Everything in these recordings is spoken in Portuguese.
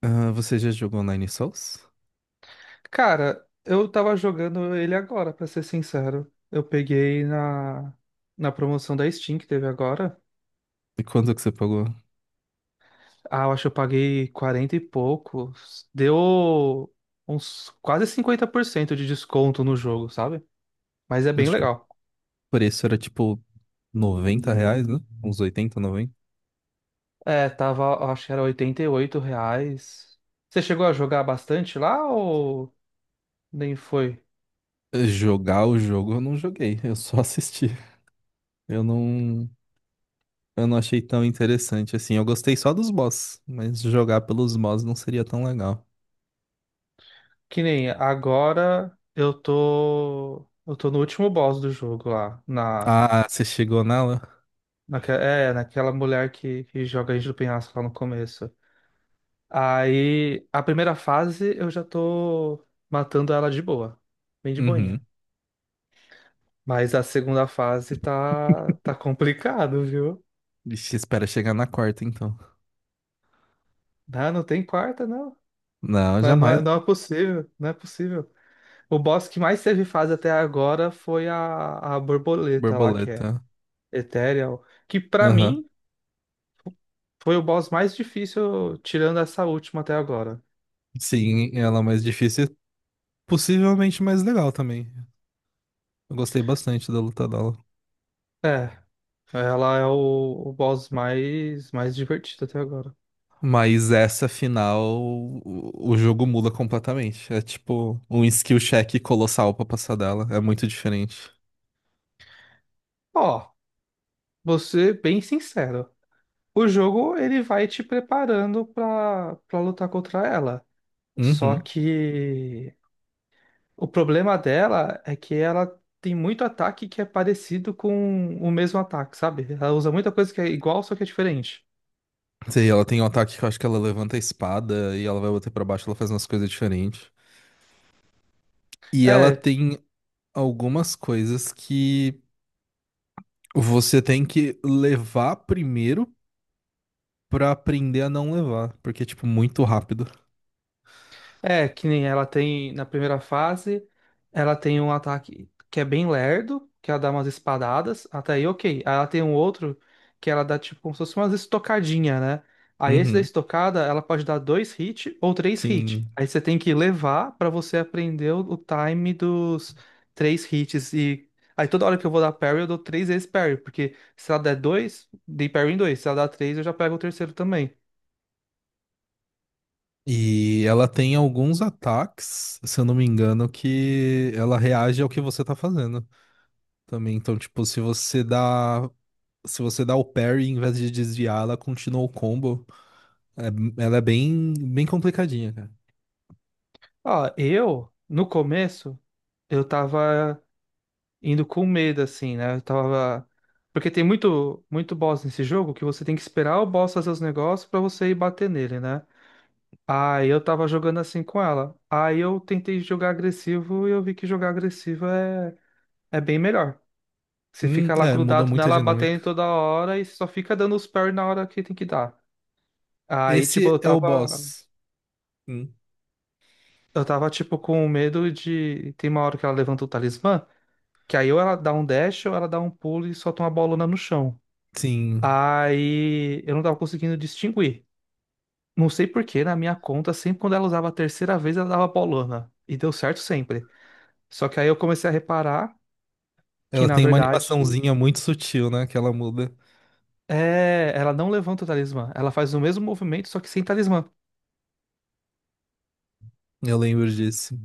Ah, você já jogou Nine Sols? Cara, eu tava jogando ele agora, pra ser sincero. Eu peguei na promoção da Steam que teve agora. E quanto que você pagou? Ah, eu acho que eu paguei 40 e poucos. Deu uns quase 50% de desconto no jogo, sabe? Mas é bem Acho que o legal. preço era tipo R$ 90, né? Uns 80, 90. É, tava, eu acho que era R$ 88. Você chegou a jogar bastante lá ou nem foi? Jogar o jogo eu não joguei, eu só assisti. Eu não, eu não achei tão interessante assim. Eu gostei só dos boss, mas jogar pelos boss não seria tão legal. Que nem agora eu tô. Eu tô no último boss do jogo lá, Ah, você chegou nela? Naquela mulher que joga a gente do penhasco lá no começo. Aí, a primeira fase eu já tô matando ela de boa. Bem de boinha. Uhum. Mas a segunda fase tá complicado, viu? Vixe, espera chegar na quarta então. Não, não tem quarta, não. Não, Não, não jamais, é, né? não é possível, não é possível. O boss que mais teve fase até agora foi a borboleta lá, que é Borboleta. Ethereal. Que pra Aham. mim foi o boss mais difícil, tirando essa última até agora. Sim, ela é mais difícil e possivelmente mais legal também. Eu gostei bastante da luta dela. É, ela é o boss mais divertido até agora. Mas essa final, o jogo muda completamente. É tipo um skill check colossal pra passar dela. É muito diferente. Ó, vou ser bem sincero. O jogo, ele vai te preparando pra lutar contra ela. Só Uhum. que o problema dela é que ela tem muito ataque que é parecido com o mesmo ataque, sabe? Ela usa muita coisa que é igual, só que é diferente. Sei, ela tem um ataque que eu acho que ela levanta a espada e ela vai bater pra baixo, ela faz umas coisas diferentes. E ela É, tem algumas coisas que você tem que levar primeiro pra aprender a não levar, porque é tipo muito rápido. É, que nem ela tem na primeira fase, ela tem um ataque que é bem lerdo, que ela dá umas espadadas, até aí ok. Aí ela tem um outro que ela dá tipo como se fosse umas estocadinha, né? Aí esse da Uhum. estocada, ela pode dar dois hits ou três hits. Sim. Aí você tem que levar pra você aprender o time dos três hits e aí toda hora que eu vou dar parry, eu dou três vezes parry, porque se ela der dois, dei parry em dois, se ela dar três, eu já pego o terceiro também. E ela tem alguns ataques, se eu não me engano, que ela reage ao que você tá fazendo também. Então, tipo, se você dá o parry em vez de desviar, ela continua o combo. Ela é bem, bem complicadinha, cara. Ó, eu no começo eu tava indo com medo, assim, né? Eu tava. Porque tem muito, muito boss nesse jogo que você tem que esperar o boss fazer os negócios pra você ir bater nele, né? Aí eu tava jogando assim com ela. Aí eu tentei jogar agressivo e eu vi que jogar agressivo é bem melhor. Você fica lá Muda grudado muito a nela, dinâmica. batendo toda hora e só fica dando os parry na hora que tem que dar. Aí, tipo, Esse eu é o tava, boss. Hum, eu tava, tipo, com medo de. Tem uma hora que ela levanta o talismã, que aí ou ela dá um dash ou ela dá um pulo e solta uma bolona no chão. sim. Aí eu não tava conseguindo distinguir. Não sei por que, na minha conta, sempre quando ela usava a terceira vez, ela dava paulana. E deu certo sempre. Só que aí eu comecei a reparar que, Ela na tem uma verdade, animaçãozinha muito sutil, né? Que ela muda. Ela não levanta o talismã. Ela faz o mesmo movimento, só que sem talismã. Eu lembro disso.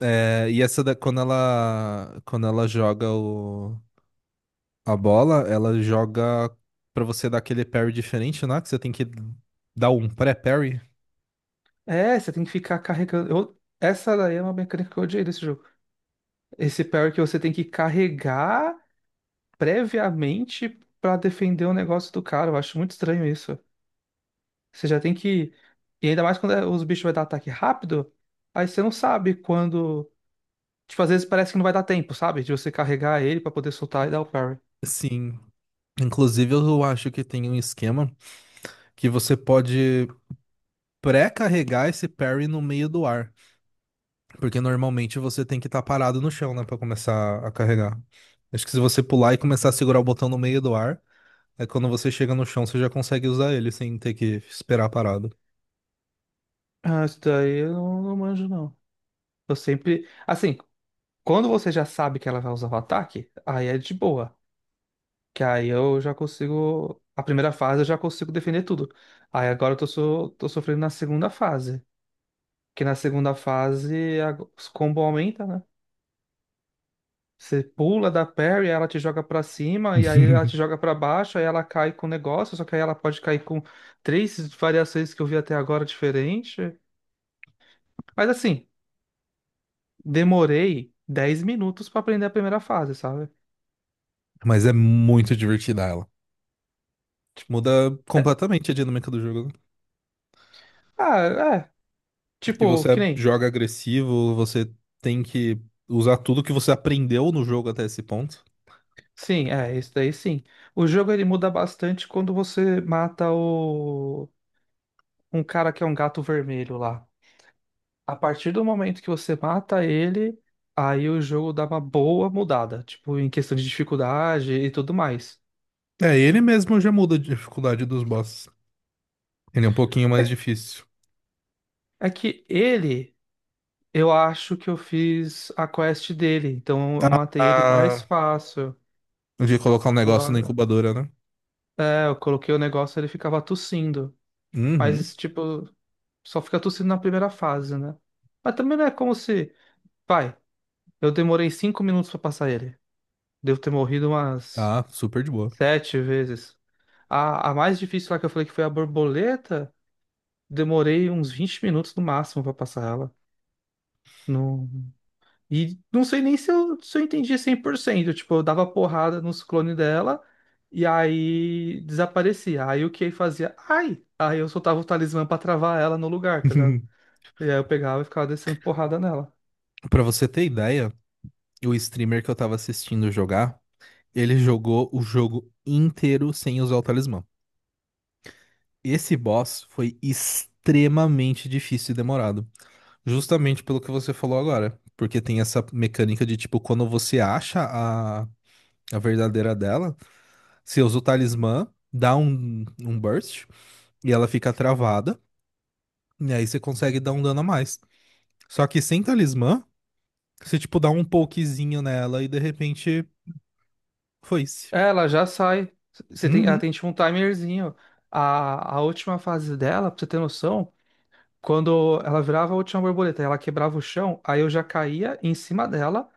É, e essa da, quando ela joga a bola, ela joga pra você dar aquele parry diferente, né? Que você tem que dar um pré-parry. É, você tem que ficar carregando. Essa daí é uma mecânica que eu odiei desse jogo. Esse parry que você tem que carregar previamente pra defender o negócio do cara. Eu acho muito estranho isso. Você já tem que. E ainda mais quando os bichos vai dar ataque rápido, aí você não sabe quando. Tipo, às vezes parece que não vai dar tempo, sabe? De você carregar ele pra poder soltar e dar o parry. Sim. Inclusive, eu acho que tem um esquema que você pode pré-carregar esse parry no meio do ar. Porque normalmente você tem que estar parado no chão, né? Pra começar a carregar. Acho que se você pular e começar a segurar o botão no meio do ar, é quando você chega no chão, você já consegue usar ele sem ter que esperar parado. Ah, isso daí eu não manjo, não. Eu sempre. Assim, quando você já sabe que ela vai usar o ataque, aí é de boa. Que aí eu já consigo. A primeira fase eu já consigo defender tudo. Aí agora tô sofrendo na segunda fase. Que na segunda fase os combos aumentam, né? Você pula da parry, ela te joga pra cima, e aí ela te joga pra baixo, aí ela cai com o negócio, só que aí ela pode cair com três variações que eu vi até agora diferente. Mas assim, demorei 10 minutos pra aprender a primeira fase, sabe? Mas é muito divertida ela. Muda completamente a dinâmica do jogo, né? Ah, é, Que tipo, você que nem. joga agressivo, você tem que usar tudo que você aprendeu no jogo até esse ponto. Sim, é, isso daí sim. O jogo ele muda bastante quando você mata o um cara que é um gato vermelho lá. A partir do momento que você mata ele, aí o jogo dá uma boa mudada, tipo, em questão de dificuldade e tudo mais. É, ele mesmo já muda a dificuldade dos bosses. Ele é um pouquinho É mais difícil. é que ele, eu acho que eu fiz a quest dele, então eu Tá. matei ele mais fácil. De colocar um Eu, negócio na a- incubadora, né? eu coloquei o negócio, ele ficava tossindo. Mas Uhum. esse tipo, só fica tossindo na primeira fase, né? Mas também não é como se. Vai, eu demorei 5 minutos pra passar ele. Devo ter morrido umas Tá, super de boa. sete vezes. A mais difícil lá que eu falei que foi a borboleta, demorei uns 20 minutos no máximo pra passar ela. Não... E não sei nem se eu entendi 100%. Tipo, eu dava porrada nos clones dela e aí desaparecia. Aí o que fazia? Ai! Aí eu soltava o talismã pra travar ela no lugar, tá ligado? E aí eu pegava e ficava descendo porrada nela. Pra você ter ideia, o streamer que eu tava assistindo jogar, ele jogou o jogo inteiro sem usar o talismã. Esse boss foi extremamente difícil e demorado. Justamente pelo que você falou agora. Porque tem essa mecânica de, tipo, quando você acha a verdadeira dela, você usa o talismã, dá um burst e ela fica travada. E aí você consegue dar um dano a mais. Só que sem talismã, você, tipo, dá um pokezinho nela e de repente foi-se. É, ela já sai. Você tem, ela Uhum. tem tipo um timerzinho. A última fase dela, pra você ter noção. Quando ela virava a última borboleta e ela quebrava o chão, aí eu já caía em cima dela.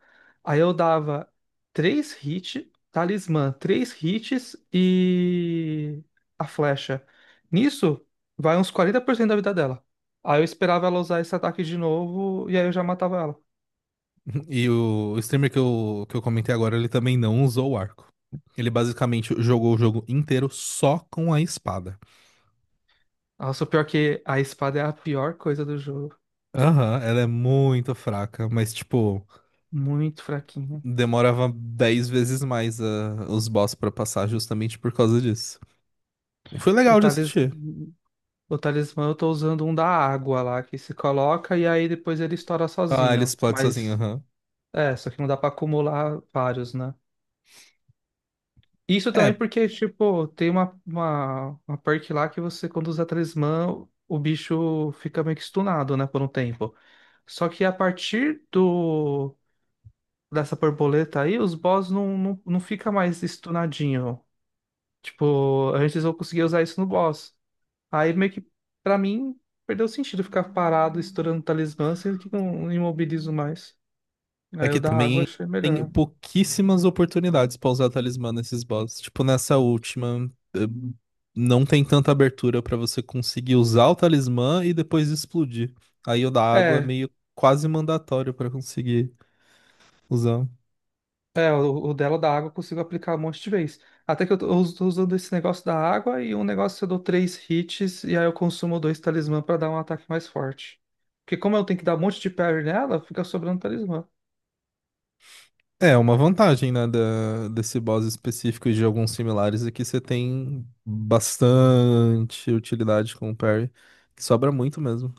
Aí eu dava três hits, talismã, três hits e a flecha. Nisso, vai uns 40% da vida dela. Aí eu esperava ela usar esse ataque de novo e aí eu já matava ela. E o streamer que eu comentei agora, ele também não usou o arco. Ele basicamente jogou o jogo inteiro só com a espada. Nossa, o pior é que a espada é a pior coisa do jogo. Aham, ela é muito fraca, mas, tipo, Muito fraquinha. demorava 10 vezes mais os boss pra passar justamente por causa disso. Foi O legal de talis... assistir. o talismã eu tô usando um da água lá, que se coloca e aí depois ele estoura Ah, ele sozinho. explode sozinho, Mas aham. é, só que não dá pra acumular vários, né? Isso também É, porque, tipo, tem uma perk lá que você, quando usa talismã, o bicho fica meio que stunado, né, por um tempo. Só que a partir do dessa borboleta aí, os boss não, não, não fica mais stunadinho. Tipo, antes eu conseguia usar isso no boss. Aí meio que, pra mim, perdeu o sentido ficar parado estourando talismã, sendo que não imobilizo mais. Aí eu aqui da água também achei tem melhor. pouquíssimas oportunidades pra usar talismã nesses bosses. Tipo, nessa última, não tem tanta abertura pra você conseguir usar o talismã e depois explodir. Aí o da água é É, meio quase mandatório pra conseguir usar. É, o dela da água eu consigo aplicar um monte de vez. Até que eu tô usando esse negócio da água e um negócio eu dou três hits e aí eu consumo dois talismã pra dar um ataque mais forte. Porque como eu tenho que dar um monte de parry nela, fica sobrando talismã. É, é uma vantagem, né, desse boss específico e de alguns similares é que você tem bastante utilidade com o parry, que sobra muito mesmo.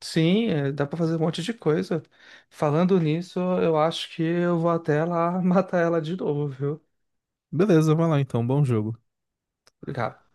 Sim, é, dá pra fazer um monte de coisa. Falando nisso, eu acho que eu vou até lá matar ela de novo, viu? Beleza, vai lá então, bom jogo. Obrigado.